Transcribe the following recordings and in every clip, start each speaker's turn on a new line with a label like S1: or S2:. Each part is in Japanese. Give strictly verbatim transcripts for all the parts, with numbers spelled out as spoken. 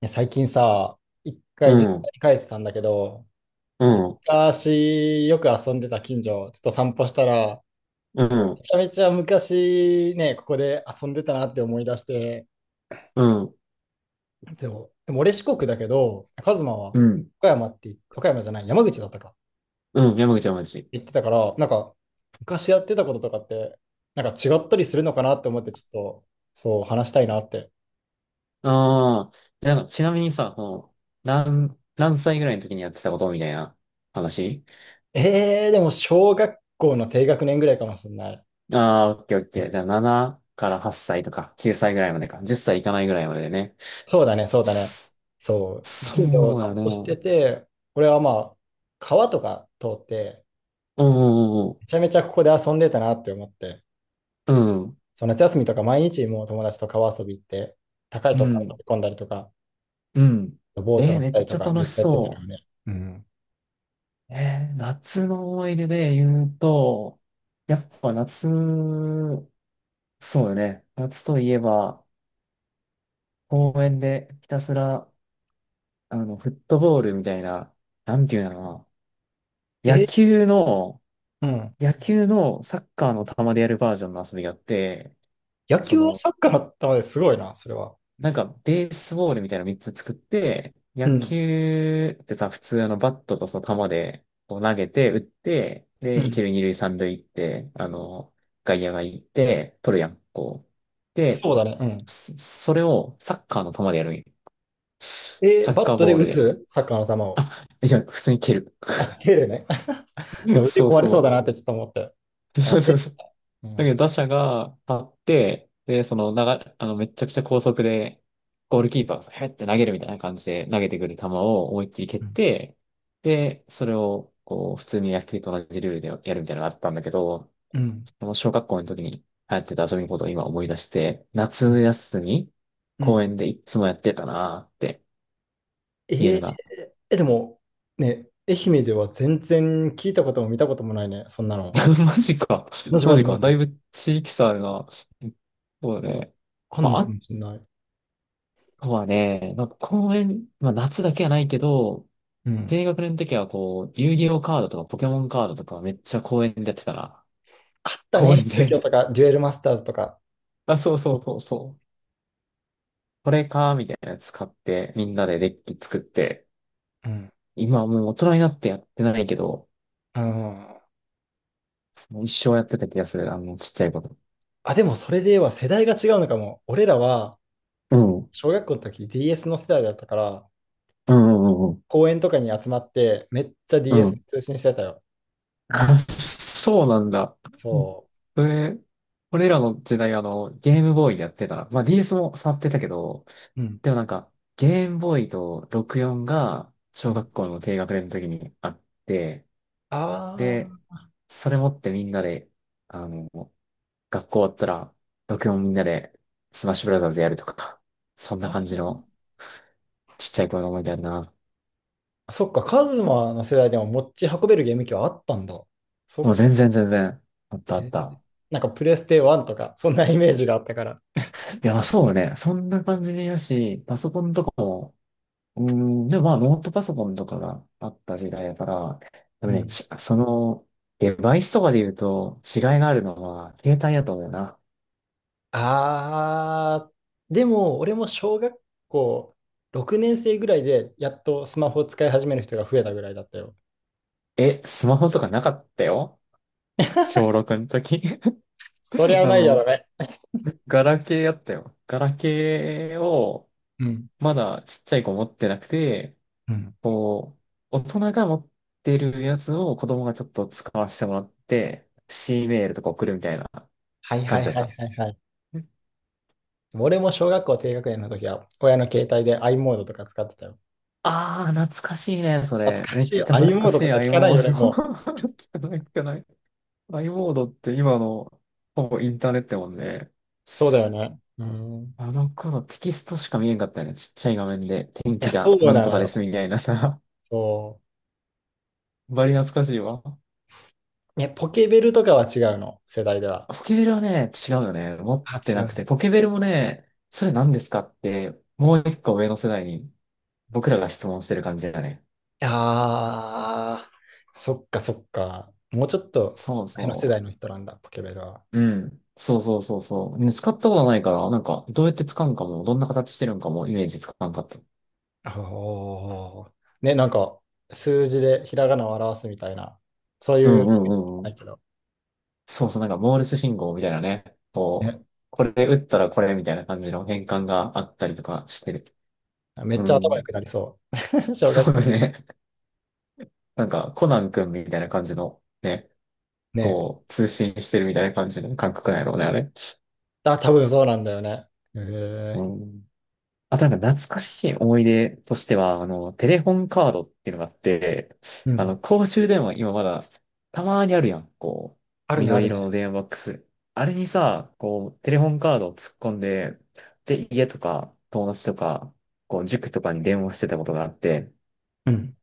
S1: や最近さ、一
S2: う
S1: 回実家
S2: ん、
S1: に帰ってたんだけど、
S2: うん、
S1: 昔よく遊んでた近所、ちょっと散歩したら、
S2: う
S1: め
S2: ん、
S1: ちゃめちゃ昔ね、ここで遊んでたなって思い出して、
S2: うん、
S1: でも、でも俺四国だけど、カズマは
S2: うん、
S1: 岡山って言っ、岡山じゃない、山口だったか、
S2: うん、山口はマジ。
S1: 言ってたから、なんか昔やってたこととかって、なんか違ったりするのかなって思って、ちょっとそう話したいなって。
S2: ああ、なんか、ちなみにさ、この、何、何歳ぐらいの時にやってたことみたいな話。
S1: えー、でも小学校の低学年ぐらいかもしれない。
S2: ああー、オッケーオッケー。じゃあ、ななからはっさいとか、きゅうさいぐらいまでか、じゅっさいいいかないぐらいまででね。
S1: そうだね、そうだね。
S2: そ
S1: そう。
S2: そ
S1: 近所を
S2: うや
S1: 散歩して
S2: ね。
S1: て、俺はまあ、川とか通って、
S2: うんうん
S1: めちゃめちゃここで遊んでたなって思って、
S2: うん、うん、
S1: そう夏休みとか毎日もう友達と川遊び行って、高い
S2: う
S1: とこから飛
S2: ん、
S1: び込んだりとか、
S2: うん。
S1: ボート
S2: えー、
S1: 乗っ
S2: め
S1: た
S2: っ
S1: り
S2: ち
S1: と
S2: ゃ
S1: か、め
S2: 楽
S1: っ
S2: し
S1: ちゃやってたよ
S2: そ
S1: ね。うん。
S2: う。えー夏の思い出で言うと、やっぱ夏、そうよね。夏といえば、公園でひたすら、あの、フットボールみたいな、なんていうのかな。野
S1: え、
S2: 球の、
S1: うん。
S2: 野球のサッカーの球でやるバージョンの遊びがあって、
S1: 野
S2: そ
S1: 球は
S2: の、
S1: サッカーだったのですごいな、それは。
S2: なんか、ベースボールみたいなのみっつ作って、
S1: う
S2: 野
S1: ん。
S2: 球ってさ、普通あの、バットとその球で、こう投げて、打って、
S1: う
S2: で、一
S1: ん。
S2: 塁、二塁、三塁行って、あの、外野が行って、取るやん、こう。で、
S1: そうだね。うん。
S2: そそれをサッカーの球でやるんよ。
S1: え、
S2: サッ
S1: バッ
S2: カー
S1: トで
S2: ボー
S1: 打
S2: ルで。
S1: つサッカーの球を。
S2: あ、いや、普通に蹴る。
S1: あ、蹴るね。そ う、腕
S2: そう
S1: 壊れそうだ
S2: そ
S1: なってちょっと思って。
S2: う。
S1: あ、
S2: そうそうそう。
S1: う
S2: だけど
S1: ん。
S2: 打者が立って、で、その、長あの、めちゃくちゃ高速で、ゴールキーパーがへって投げるみたいな感じで投げてくる球を思いっきり蹴っ
S1: うん。
S2: て、で、それを、こう、普通に野球と同じルールでやるみたいなのがあったんだけど、
S1: うん
S2: その小学校の時に流行ってた遊びのことを今思い出して、夏
S1: うん
S2: 休み、
S1: う
S2: 公
S1: ん
S2: 園でいつもやってたなーって
S1: え
S2: 言える
S1: ー
S2: な。家のが
S1: え、でも、ね、愛媛では全然聞いたことも見たこともないね、そんな の。
S2: マジか。
S1: マジ
S2: マ
S1: マジ
S2: ジ
S1: マ
S2: か。だ
S1: ジ。
S2: いぶ地域差あるな。そうだね。
S1: あん
S2: ま
S1: の
S2: あ、
S1: か
S2: あ
S1: もしれない。
S2: とはね、なんか公園、まあ夏だけはないけど、
S1: うん。
S2: 低学年の時はこう、遊戯王カードとかポケモンカードとかめっちゃ公園でやってたな。
S1: あった
S2: 公
S1: ね、
S2: 園
S1: 東京
S2: で。
S1: とか、デュエルマスターズとか。
S2: あ、そうそうそうそう。これか、みたいなやつ買って、みんなでデッキ作って、
S1: うん。
S2: 今はもう大人になってやってないけど、
S1: あの
S2: もう一生やってた気がする。あの、ちっちゃいこと。
S1: あ、でもそれでは世代が違うのかも。俺らは、
S2: う
S1: その、
S2: ん。うん
S1: 小学校の時 ディーエス の世代だったから、
S2: うんうん
S1: 公園とかに集まって、めっちゃ
S2: うん。う
S1: ディーエス
S2: ん。
S1: 通信してたよ。
S2: あ、そうなんだ。
S1: そ
S2: それ、俺らの時代、あの、ゲームボーイやってた。まあ、ディーエス も触ってたけど、
S1: う。うん。
S2: でもなんか、ゲームボーイとろくよんが
S1: う
S2: 小
S1: ん
S2: 学校の低学年の時にあって、
S1: あ
S2: で、
S1: ー
S2: それ持ってみんなで、あの、学校終わったら、ろくよんみんなでスマッシュブラザーズやるとか、そんな感じ
S1: あ
S2: のちっちゃい頃の思い出やな。
S1: そっか、カズマの世代でも持ち運べるゲーム機はあったんだ。そ
S2: もう
S1: っ
S2: 全然全然、あったあっ
S1: え、
S2: た。
S1: なんかプレステワンとか、そんなイメージがあったから。
S2: いや、まあそうね。そんな感じでよし、パソコンとかも、うん、でもまあ、ノートパソコンとかがあった時代だから、でも
S1: う
S2: ね、
S1: ん。
S2: ちその、デバイスとかで言うと違いがあるのは、携帯だと思うな。
S1: あー、でも俺も小学校ろくねん生ぐらいでやっとスマホを使い始める人が増えたぐらいだったよ。
S2: え、スマホとかなかったよ。小しょうろくの時。
S1: そり ゃ
S2: あ
S1: ないやろ
S2: の、
S1: ね。
S2: ガラケーやったよ。ガラケーを、
S1: うん。
S2: まだちっちゃい子持ってなくて、
S1: うん。
S2: こう、大人が持ってるやつを子供がちょっと使わせてもらって、シーメールとか送るみたいな
S1: はいは
S2: 感
S1: い
S2: じだっ
S1: はい
S2: た。
S1: はいはい。俺も小学校低学年の時は親の携帯で i モードとか使ってたよ。
S2: ああ、懐かしいね、そ
S1: 懐
S2: れ。
S1: か
S2: めっ
S1: しいよ。
S2: ちゃ
S1: i
S2: 懐
S1: モ
S2: か
S1: ード
S2: し
S1: と
S2: い
S1: か聞
S2: i
S1: かな
S2: モ
S1: いよね、
S2: ード。
S1: もう。
S2: 聞かない、聞かない。アイモードって今の、ほぼインターネットやもんね。
S1: そうだよね。うん。
S2: あの頃テキストしか見えんかったよね。ちっちゃい画面で天
S1: いや、
S2: 気
S1: そ
S2: が
S1: う
S2: なん
S1: な
S2: と
S1: の
S2: かで
S1: よ。
S2: すみたいなさ。
S1: そ
S2: バリ懐かしいわ。
S1: う。え、ポケベルとかは違うの、世代では。
S2: ポケベルはね、違うよね。持っ
S1: あ、
S2: て
S1: 違
S2: なく
S1: う。
S2: て。ポケベルもね、それ何ですかって、もう一個上の世代に僕らが質問してる感じだね。
S1: ああそっかそっか。もうちょっと
S2: そう
S1: 前の世
S2: そ
S1: 代
S2: う。
S1: の人なんだ、ポケベルは。
S2: うん。そうそうそうそう。ね、使ったことないから、なんか、どうやって使うんかも、どんな形してるんかも、イメージつかんかった。
S1: おー。ね、なんか数字でひらがなを表すみたいな、そう
S2: う
S1: い
S2: ん
S1: う、
S2: うんうんう
S1: な
S2: ん。
S1: いけど、
S2: そうそう、なんか、モールス信号みたいなね。こ
S1: ね、
S2: う、これ打ったらこれみたいな感じの変換があったりとかしてる。
S1: め
S2: う
S1: っちゃ頭良
S2: ん。
S1: くなりそう。小
S2: そ
S1: 学
S2: う
S1: 校。
S2: ね。なんか、コナン君みたいな感じの、ね、
S1: ね。
S2: こう、通信してるみたいな感じの感覚なんやろうね、あれ。
S1: あ、多分そうなんだよね。へえ。
S2: うん。あとなんか懐かしい思い出としては、あの、テレホンカードっていうのがあって、
S1: う
S2: あ
S1: ん。
S2: の、公衆電話今まだたまにあるやん、こ
S1: あ
S2: う、
S1: るね、あ
S2: 緑
S1: る
S2: 色
S1: ね。
S2: の電話ボックス。あれにさ、こう、テレホンカードを突っ込んで、で、家とか友達とか、こう、塾とかに電話してたことがあって、
S1: うん。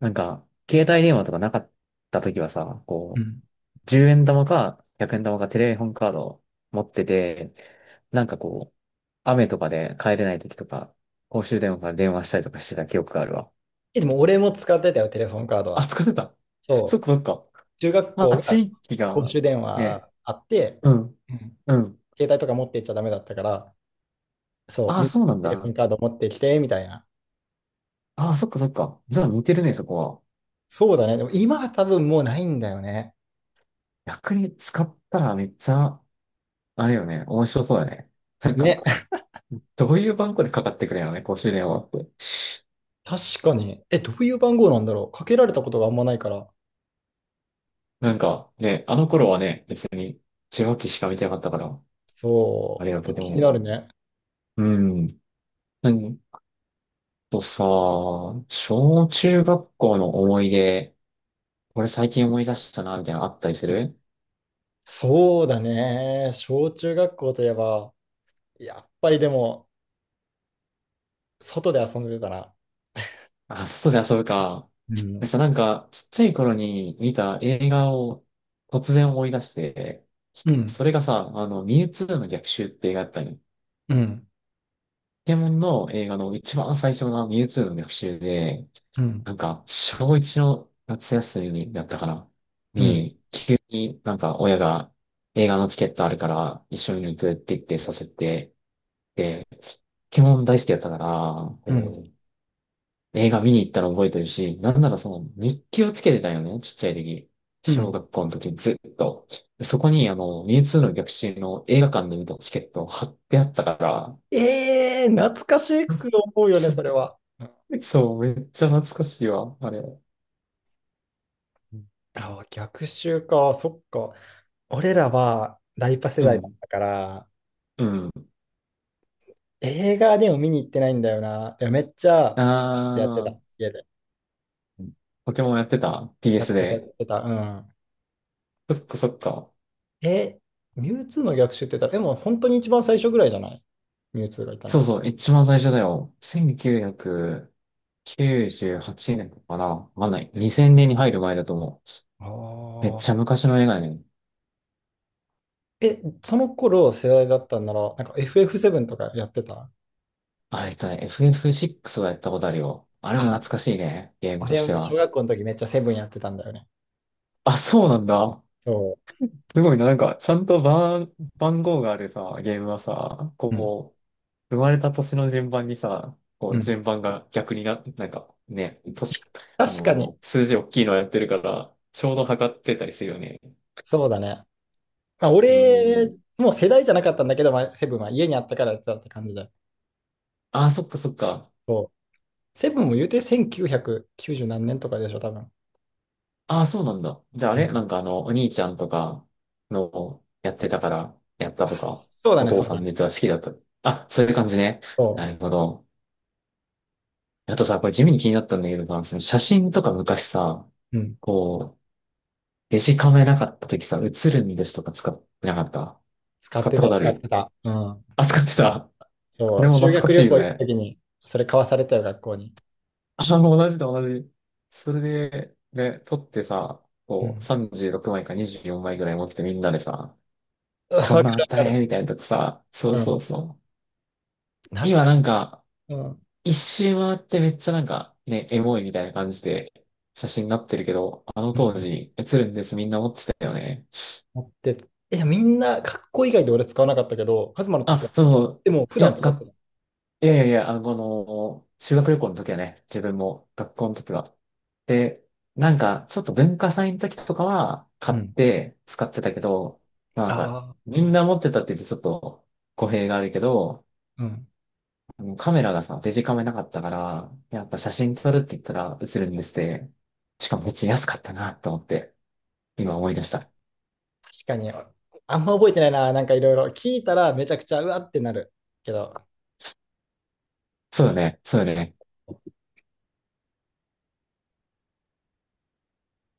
S2: なんか、携帯電話とかなかった時はさ、
S1: う
S2: こう、
S1: ん。
S2: じゅうえん玉かひゃくえん玉かテレホンカードを持ってて、なんかこう、雨とかで帰れない時とか、公衆電話から電話したりとかしてた記憶があるわ。
S1: え、でも俺も使ってたよ、テレフォンカード
S2: あ、
S1: は。
S2: 使ってた。そっ
S1: そ
S2: か
S1: う。
S2: そっか。
S1: 中学
S2: ま
S1: 校
S2: あ、
S1: が
S2: 地域
S1: 公
S2: が、
S1: 衆電
S2: ね、
S1: 話あって、
S2: うん、
S1: うん、
S2: うん。
S1: 携帯とか持っていっちゃダメだったから、そう、
S2: ああ、
S1: みんな
S2: そうなん
S1: テレフォン
S2: だ。
S1: カード持ってきて、みたいな。
S2: ああ、そっかそっか。じゃあ似てるね、そこは。
S1: そうだね。でも今は多分もうないんだよね。
S2: 逆に使ったらめっちゃ、あれよね、面白そうだね。なんか、
S1: ね。
S2: どういう番号でかかってくるんやろね、公衆電話って。
S1: 確かに。え、どういう番号なんだろう。かけられたことがあんまないから。
S2: なんか、ね、あの頃はね、別に受話器しか見てなかったから。あ
S1: そ
S2: りがとう。
S1: う。
S2: で
S1: 気に
S2: も、
S1: なるね。
S2: うん。うんとさ、小中学校の思い出、これ最近思い出したな、みたいなのあったりする？
S1: そうだね。小中学校といえば、やっぱりでも、外で遊んでたら、
S2: あ、外で遊ぶか。
S1: うん、
S2: でさ、なんか、ちっちゃい頃に見た映画を突然思い出して、
S1: うん、
S2: それがさ、あの、ミュウツーの逆襲って映画だったのよ。ポ
S1: うん、
S2: ケモンの映画の一番最初のミュウツーの逆襲で、
S1: うん、
S2: なんか、小一の夏休みだったかな
S1: うん、
S2: に、急になんか親が映画のチケットあるから一緒に行くって言ってさせて、で、ポケモン大好きだったから、
S1: うん、
S2: こう映画見に行ったの覚えてるし、なんならその日記をつけてたよね、ちっちゃい時。
S1: う
S2: 小
S1: ん。
S2: 学校の時ずっと。そこにあの、ミュウツーの逆襲の映画館で見たチケットを貼ってあったから、
S1: ええー懐かし く思うよね、
S2: そ
S1: それは。
S2: そう、めっちゃ懐かしいわ、あれ。
S1: あ、逆襲か、そっか。俺らはライパ世
S2: う
S1: 代だっ
S2: ん。
S1: たから、
S2: うん、
S1: 映画でも見に行ってないんだよな。でもめっちゃ
S2: あ
S1: やってた、
S2: ー、
S1: 家で。
S2: ポケモンやってた
S1: や
S2: ?ピーエス
S1: ってた、や
S2: で。
S1: ってた。うん。
S2: そっかそっか。
S1: え、ミュウツーの逆襲って言ったら、でも本当に一番最初ぐらいじゃないミュウツーがいたの
S2: そう
S1: は。
S2: そう、一番最初だよ。せんきゅうひゃくきゅうじゅうはちねんかな。わかんない。にせんねんに入る前だと思う。めっ
S1: あ
S2: ちゃ
S1: あ。
S2: 昔の映画ね。
S1: え、その頃世代だったんなら、なんか エフエフセブン とかやってた
S2: あ、えっとね、エフエフシックス はやったことあるよ。あれも
S1: あ、
S2: 懐かしいね。ゲームと
S1: 俺
S2: して
S1: は小
S2: は。
S1: 学校の時めっちゃセブンやってたんだよね。
S2: あ、そうなんだ。
S1: そ
S2: すごいな。なんか、ちゃんと番、番号があるさ、ゲームはさ、
S1: う。うん。
S2: こ生まれた年の順番にさ、こ
S1: う
S2: う、
S1: ん
S2: 順番が逆にな、なんかね、年、あ
S1: 確か
S2: の、
S1: に、
S2: 数字大きいのやってるから、ちょうど測ってたりするよね。
S1: そうだね。まあ、
S2: う
S1: 俺、
S2: ん。
S1: もう世代じゃなかったんだけど、まあ、セブンは家にあったからやってたって感じだよ。
S2: ああ、そっかそっか。
S1: そう。セブンも言うてせんきゅうひゃくきゅうじゅう何年とかでしょ、多分。
S2: ああ、そうなんだ。じゃああ
S1: うん。
S2: れなんかあの、お兄ちゃんとかのやってたから、やったとか、
S1: そうだ
S2: お
S1: ね、そ
S2: 父
S1: う
S2: さ
S1: だ
S2: ん
S1: ね。
S2: 実は好きだった。あ、そういう感じね。な
S1: そ
S2: るほど。あとさ、これ地味に気になったんだけどさ、その写真とか昔さ、
S1: う。うん。
S2: こう、デジカメなかった時さ、写るんですとか使ってなかった？
S1: 使っ
S2: 使っ
S1: て
S2: た
S1: た、
S2: ことあ
S1: 使って
S2: る？
S1: た。うん。
S2: あ、使ってた。あ
S1: そ
S2: れ
S1: う。
S2: も
S1: 修
S2: 懐か
S1: 学
S2: し
S1: 旅
S2: いよ
S1: 行行くと
S2: ね。
S1: きに、それ買わされたよ、学校に。
S2: あ、同じだ、同じ。それで、で、取ってさ、
S1: う
S2: こう、
S1: ん。
S2: さんじゅうろくまいかにじゅうよんまいぐらい持ってみんなでさ、
S1: わ
S2: こ
S1: か
S2: ん
S1: る
S2: なんあった
S1: わか
S2: ね、み
S1: る。
S2: たいなとこさ、そ
S1: う
S2: うそう
S1: ん。
S2: そう。
S1: 懐かし
S2: 今なんか、
S1: い。うん。うん
S2: 一周回ってめっちゃなんか、ね、エモいみたいな感じで、写真になってるけど、あの当時、写るんです、みんな持ってたよね。
S1: 持ってたいや、みんな、学校以外で俺使わなかったけど、カズマの時は。
S2: あ、そうそう。
S1: でも、普
S2: いや、
S1: 段使って
S2: が
S1: た。
S2: いやいやいや、あの、この修学旅行の時はね、自分も学校の時は。で、なんか、ちょっと文化祭の時とかは買
S1: う
S2: っ
S1: ん。
S2: て使ってたけど、まあなんか、
S1: あ
S2: みんな
S1: あ。
S2: 持ってたって言うとちょっと語弊があるけど、
S1: うん。
S2: あのカメラがさ、デジカメなかったから、やっぱ写真撮るって言ったら写るんですって、しかも別に安かったなと思って、今思い出した。
S1: 確かに、あんま覚えてないな。なんかいろいろ聞いたらめちゃくちゃうわってなるけど、
S2: そうよね、そうよね。